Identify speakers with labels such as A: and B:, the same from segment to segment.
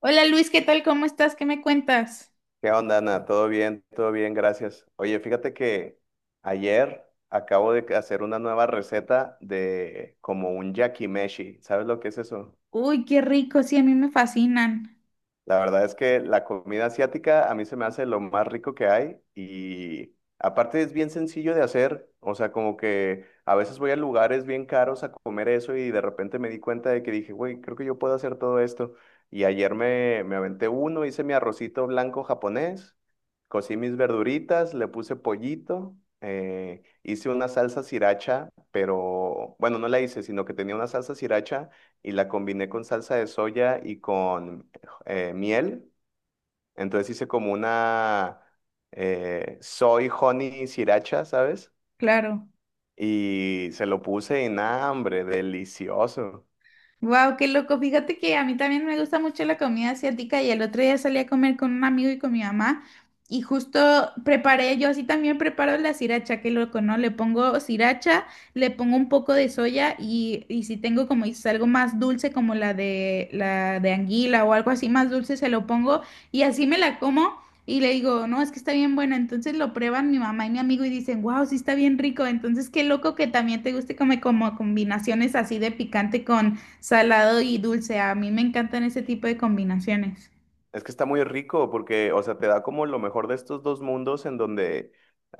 A: Hola Luis, ¿qué tal? ¿Cómo estás? ¿Qué me cuentas?
B: ¿Qué onda, Ana? ¿Todo bien? Todo bien, gracias. Oye, fíjate que ayer acabo de hacer una nueva receta de como un yakimeshi. ¿Sabes lo que es eso?
A: Uy, qué rico, sí, a mí me fascinan,
B: La verdad es que la comida asiática a mí se me hace lo más rico que hay, y aparte es bien sencillo de hacer, o sea, como que a veces voy a lugares bien caros a comer eso y de repente me di cuenta de que dije, güey, creo que yo puedo hacer todo esto. Y ayer me aventé uno, hice mi arrocito blanco japonés, cocí mis verduritas, le puse pollito, hice una salsa sriracha, pero bueno, no la hice, sino que tenía una salsa sriracha y la combiné con salsa de soya y con miel. Entonces hice como una soy honey sriracha, ¿sabes?
A: claro.
B: Y se lo puse en hambre, delicioso.
A: Wow, qué loco. Fíjate que a mí también me gusta mucho la comida asiática y el otro día salí a comer con un amigo y con mi mamá y justo preparé, yo así también preparo la sriracha, qué loco, ¿no? Le pongo sriracha, le pongo un poco de soya y si tengo como dices algo más dulce como la de anguila o algo así más dulce se lo pongo y así me la como. Y le digo, no, es que está bien buena. Entonces lo prueban mi mamá y mi amigo y dicen, wow, sí está bien rico. Entonces qué loco que también te guste como, como combinaciones así de picante con, salado y dulce, a mí me encantan ese tipo de combinaciones.
B: Es que está muy rico porque, o sea, te da como lo mejor de estos dos mundos en donde,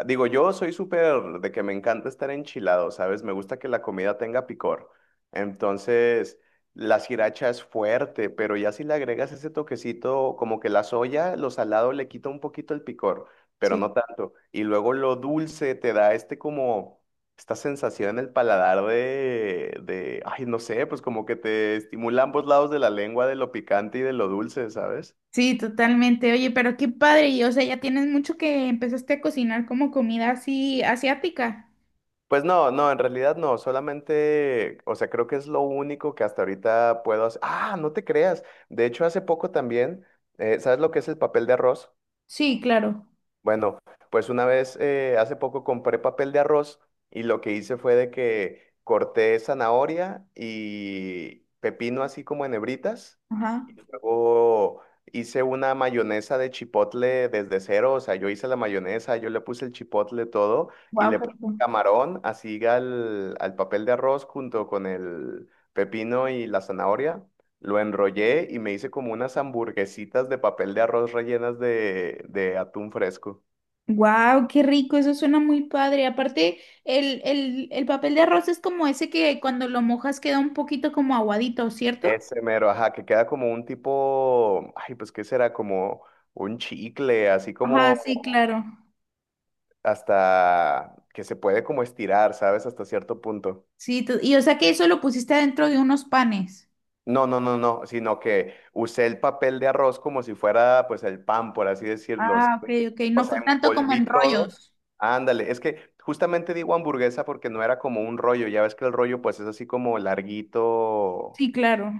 B: digo, yo soy súper de que me encanta estar enchilado, ¿sabes? Me gusta que la comida tenga picor. Entonces, la sriracha es fuerte, pero ya si le agregas ese toquecito, como que la soya, lo salado le quita un poquito el picor, pero
A: Sí.
B: no tanto. Y luego lo dulce te da este como, esta sensación en el paladar ay, no sé, pues como que te estimula ambos lados de la lengua, de lo picante y de lo dulce, ¿sabes?
A: Sí, totalmente. Oye, pero qué padre, y o sea, ya tienes mucho que empezaste a cocinar como comida así asiática.
B: Pues no, no, en realidad no, solamente, o sea, creo que es lo único que hasta ahorita puedo hacer. Ah, no te creas. De hecho, hace poco también, ¿sabes lo que es el papel de arroz?
A: Sí, claro.
B: Bueno, pues una vez, hace poco compré papel de arroz y lo que hice fue de que corté zanahoria y pepino así como en hebritas.
A: Ajá.
B: Luego hice una mayonesa de chipotle desde cero, o sea, yo hice la mayonesa, yo le puse el chipotle todo, y
A: Wow,
B: le puse camarón así al papel de arroz junto con el pepino y la zanahoria. Lo enrollé y me hice como unas hamburguesitas de papel de arroz rellenas de atún fresco.
A: Wow, qué rico, eso suena muy padre. Aparte, el papel de arroz es como ese que cuando lo mojas queda un poquito como aguadito, ¿cierto?
B: Ese mero, ajá, que queda como un tipo, ay, pues, ¿qué será? Como un chicle, así
A: Ajá,
B: como
A: sí, claro.
B: hasta que se puede como estirar, ¿sabes? Hasta cierto punto.
A: Sí, y o sea que eso lo pusiste adentro de unos panes.
B: No, no, no, no, sino que usé el papel de arroz como si fuera pues el pan, por así decirlo,
A: Ah,
B: ¿sabes?
A: ok, ok,
B: O
A: no
B: sea,
A: fue tanto como
B: envolví
A: en
B: todo.
A: rollos.
B: Ándale, es que justamente digo hamburguesa porque no era como un rollo, ya ves que el rollo pues es así como larguito,
A: Sí, claro.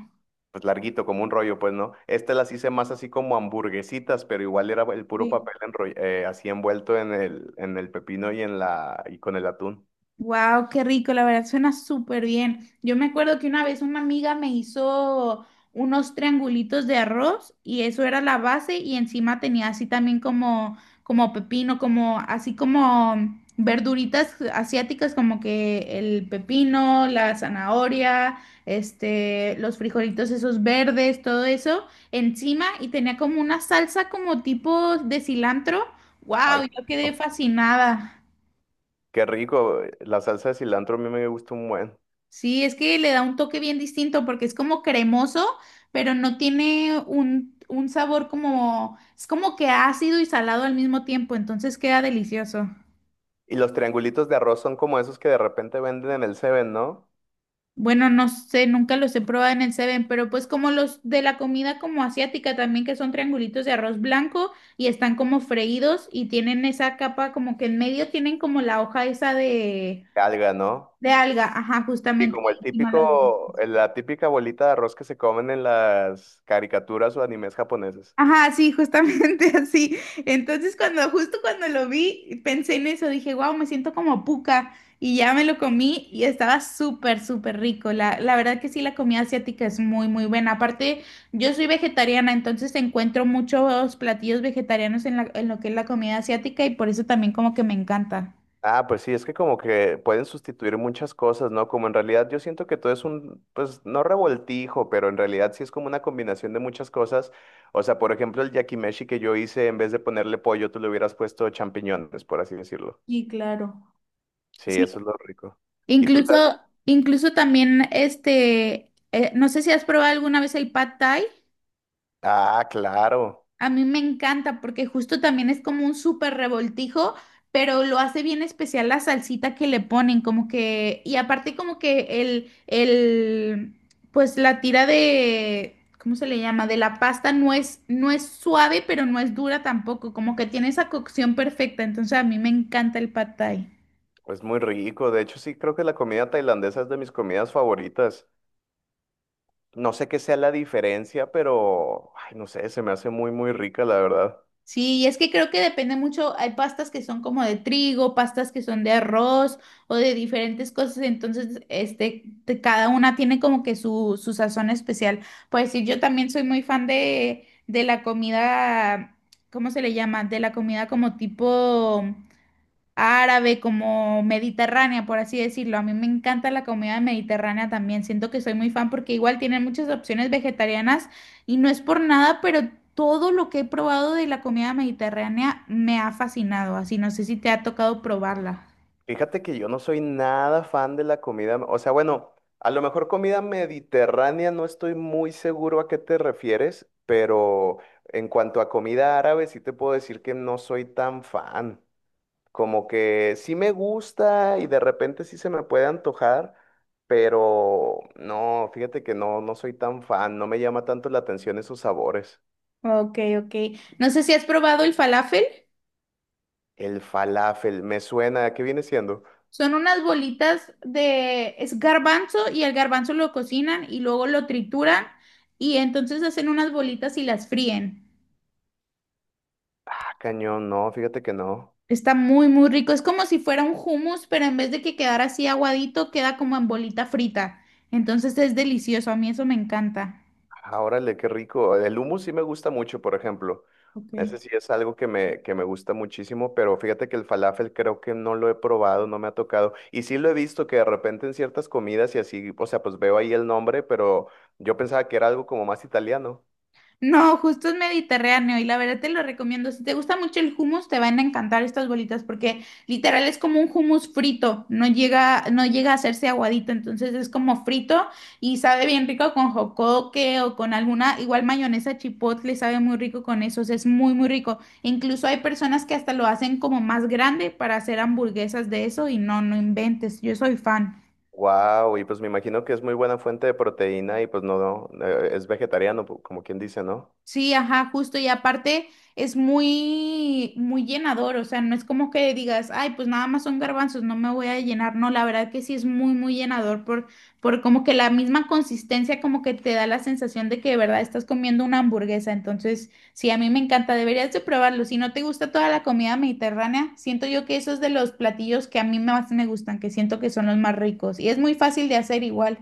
B: pues larguito, como un rollo, pues no. Este, las hice más así como hamburguesitas, pero igual era el puro papel así envuelto en el pepino y y con el atún.
A: Wow, qué rico, la verdad suena súper bien. Yo me acuerdo que una vez una amiga me hizo unos triangulitos de arroz y eso era la base y encima tenía así también como como pepino, como así como verduritas asiáticas como que el pepino, la zanahoria, este, los frijolitos esos verdes, todo eso encima y tenía como una salsa como tipo de cilantro.
B: Ay,
A: Wow, yo quedé
B: no.
A: fascinada.
B: Qué rico, la salsa de cilantro a mí me gusta un buen.
A: Sí, es que le da un toque bien distinto porque es como cremoso, pero no tiene un sabor como, es como que ácido y salado al mismo tiempo, entonces queda delicioso.
B: Y los triangulitos de arroz son como esos que de repente venden en el Seven, ¿no?
A: Bueno, no sé, nunca los he probado en el Seven, pero pues como los de la comida como asiática también, que son triangulitos de arroz blanco y están como freídos y tienen esa capa como que en medio tienen como la hoja esa
B: Alga, ¿no?
A: de alga, ajá,
B: Y
A: justamente.
B: como
A: Y
B: el
A: encima la-
B: típico, la típica bolita de arroz que se comen en las caricaturas o animes japoneses.
A: Ajá, sí, justamente así. Entonces, cuando, justo cuando lo vi, pensé en eso, dije, wow, me siento como puca. Y ya me lo comí y estaba súper, súper rico. La verdad que sí, la comida asiática es muy, muy buena. Aparte, yo soy vegetariana, entonces encuentro muchos platillos vegetarianos en la- en lo que es la comida asiática y por eso también como que me encanta.
B: Ah, pues sí, es que como que pueden sustituir muchas cosas, ¿no? Como en realidad yo siento que todo es pues no revoltijo, pero en realidad sí es como una combinación de muchas cosas. O sea, por ejemplo, el yakimeshi que yo hice, en vez de ponerle pollo, tú le hubieras puesto champiñones, por así decirlo.
A: Sí, claro.
B: Sí,
A: Sí,
B: eso es lo rico. ¿Y tú
A: incluso,
B: sabes?
A: incluso también este, no sé si has probado alguna vez el pad thai.
B: Ah, claro,
A: A mí me encanta porque justo también es como un súper revoltijo, pero lo hace bien especial la salsita que le ponen, como que, y aparte como que el, pues la tira de, ¿cómo se le llama? De la pasta no es, no es suave, pero no es dura tampoco, como que tiene esa cocción perfecta, entonces a mí me encanta el pad thai.
B: es muy rico. De hecho, sí, creo que la comida tailandesa es de mis comidas favoritas. No sé qué sea la diferencia, pero, ay, no sé, se me hace muy, muy rica, la verdad.
A: Sí, y es que creo que depende mucho, hay pastas que son como de trigo, pastas que son de arroz o de diferentes cosas, entonces este, cada una tiene como que su sazón especial. Pues sí, yo también soy muy fan de la comida, ¿cómo se le llama? De la comida como tipo árabe, como mediterránea, por así decirlo. A mí me encanta la comida mediterránea también. Siento que soy muy fan porque igual tienen muchas opciones vegetarianas y no es por nada, pero todo lo que he probado de la comida mediterránea me ha fascinado. Así no sé si te ha tocado probarla.
B: Fíjate que yo no soy nada fan de la comida, o sea, bueno, a lo mejor comida mediterránea, no estoy muy seguro a qué te refieres, pero en cuanto a comida árabe, sí te puedo decir que no soy tan fan. Como que sí me gusta y de repente sí se me puede antojar, pero no, fíjate que no, no soy tan fan, no me llama tanto la atención esos sabores.
A: Ok, ok. No sé si has probado el falafel.
B: El falafel, me suena, ¿qué viene siendo?
A: Son unas bolitas de, es garbanzo y el garbanzo lo cocinan y luego lo trituran y entonces hacen unas bolitas y las fríen.
B: Ah, cañón, no, fíjate que no.
A: Está muy, muy rico. Es como si fuera un hummus, pero en vez de que quedara así aguadito, queda como en bolita frita. Entonces es delicioso. A mí eso me encanta.
B: Ah, órale, qué rico. El hummus sí me gusta mucho, por ejemplo.
A: Ok.
B: Ese sí es algo que me gusta muchísimo, pero fíjate que el falafel creo que no lo he probado, no me ha tocado. Y sí lo he visto que de repente en ciertas comidas y así, o sea, pues veo ahí el nombre, pero yo pensaba que era algo como más italiano.
A: No, justo es mediterráneo y la verdad te lo recomiendo. Si te gusta mucho el hummus, te van a encantar estas bolitas porque literal es como un hummus frito, no llega, no llega a hacerse aguadito, entonces es como frito y sabe bien rico con jocoque o con alguna, igual mayonesa chipotle, sabe muy rico con eso, o sea, es muy, muy rico. Incluso hay personas que hasta lo hacen como más grande para hacer hamburguesas de eso y no, no inventes, yo soy fan.
B: Wow, y pues me imagino que es muy buena fuente de proteína y pues no, no, es vegetariano, como quien dice, ¿no?
A: Sí, ajá, justo. Y aparte es muy, muy llenador. O sea, no es como que digas, ay, pues nada más son garbanzos, no me voy a llenar. No, la verdad que sí es muy, muy llenador por como que la misma consistencia como que te da la sensación de que de verdad estás comiendo una hamburguesa. Entonces, sí, a mí me encanta. Deberías de probarlo. Si no te gusta toda la comida mediterránea, siento yo que eso es de los platillos que a mí más me gustan, que siento que son los más ricos. Y es muy fácil de hacer igual.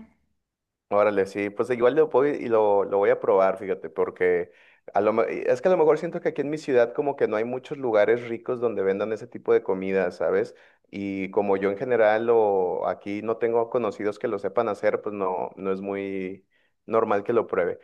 B: Órale, sí, pues igual lo voy, y lo voy a probar, fíjate, porque a lo, me- es que a lo mejor siento que aquí en mi ciudad como que no hay muchos lugares ricos donde vendan ese tipo de comida, ¿sabes? Y como yo en general o aquí no tengo conocidos que lo sepan hacer, pues no, no es muy normal que lo pruebe.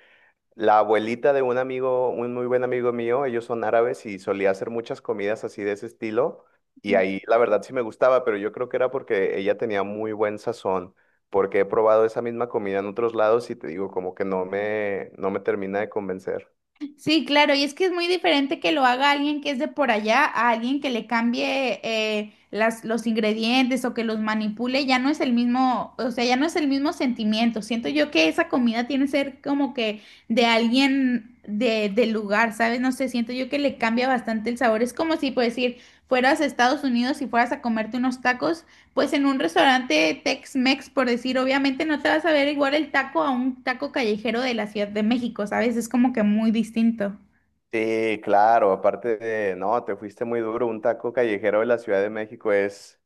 B: La abuelita de un amigo, un muy buen amigo mío, ellos son árabes y solía hacer muchas comidas así de ese estilo. Y ahí la verdad sí me gustaba, pero yo creo que era porque ella tenía muy buen sazón, porque he probado esa misma comida en otros lados y te digo, como que no me termina de convencer.
A: Sí, claro, y es que es muy diferente que lo haga alguien que es de por allá a alguien que le cambie las, los ingredientes o que los manipule, ya no es el mismo, o sea, ya no es el mismo sentimiento. Siento yo que esa comida tiene que ser como que de alguien de, del lugar, ¿sabes? No sé, siento yo que le cambia bastante el sabor. Es como si, por decir, fueras a Estados Unidos y fueras a comerte unos tacos pues en un restaurante Tex-Mex, por decir, obviamente no te vas a ver igual el taco a un taco callejero de la Ciudad de México, ¿sabes? Es como que muy distinto.
B: Sí, claro, aparte de, no, te fuiste muy duro, un taco callejero de la Ciudad de México es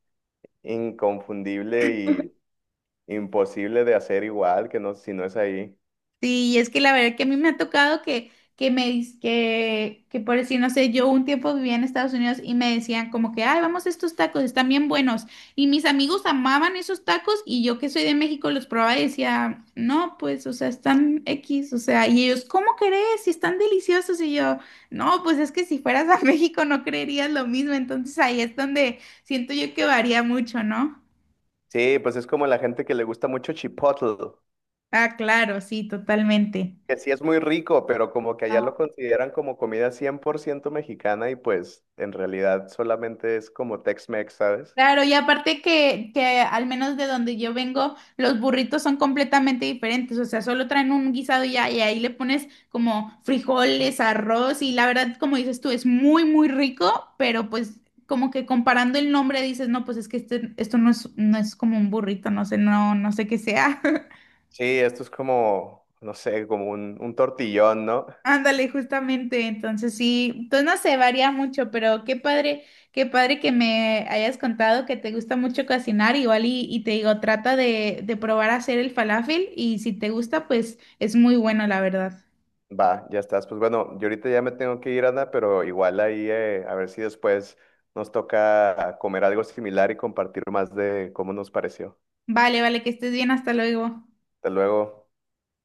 B: inconfundible y imposible de hacer igual, que no, si no es ahí.
A: Sí, y es que la verdad que a mí me ha tocado que, que por decir, no sé, yo un tiempo vivía en Estados Unidos y me decían como que, ay, vamos a estos tacos, están bien buenos. Y mis amigos amaban esos tacos y yo que soy de México los probaba y decía, no, pues, o sea, están X, o sea, y ellos, ¿cómo crees? Si están deliciosos. Y yo, no, pues es que si fueras a México no creerías lo mismo. Entonces ahí es donde siento yo que varía mucho, ¿no?
B: Sí, pues es como la gente que le gusta mucho Chipotle,
A: Ah, claro, sí, totalmente.
B: que sí es muy rico, pero como que allá lo consideran como comida 100% mexicana y pues en realidad solamente es como Tex-Mex, ¿sabes?
A: Claro, y aparte que al menos de donde yo vengo, los burritos son completamente diferentes, o sea, solo traen un guisado y ya, y ahí le pones como frijoles, arroz, y la verdad, como dices tú, es muy, muy rico, pero pues como que comparando el nombre dices, no, pues es que este, esto no es, no es como un burrito, no sé, no, no sé qué sea.
B: Sí, esto es como, no sé, como un tortillón, ¿no?
A: Ándale, justamente, entonces sí, entonces no sé, varía mucho, pero qué padre que me hayas contado que te gusta mucho cocinar, igual y te digo, trata de probar a hacer el falafel y si te gusta, pues es muy bueno, la verdad.
B: Va, ya estás. Pues bueno, yo ahorita ya me tengo que ir, Ana, pero igual ahí a ver si después nos toca comer algo similar y compartir más de cómo nos pareció.
A: Vale, vale, que estés bien, hasta luego.
B: Hasta luego.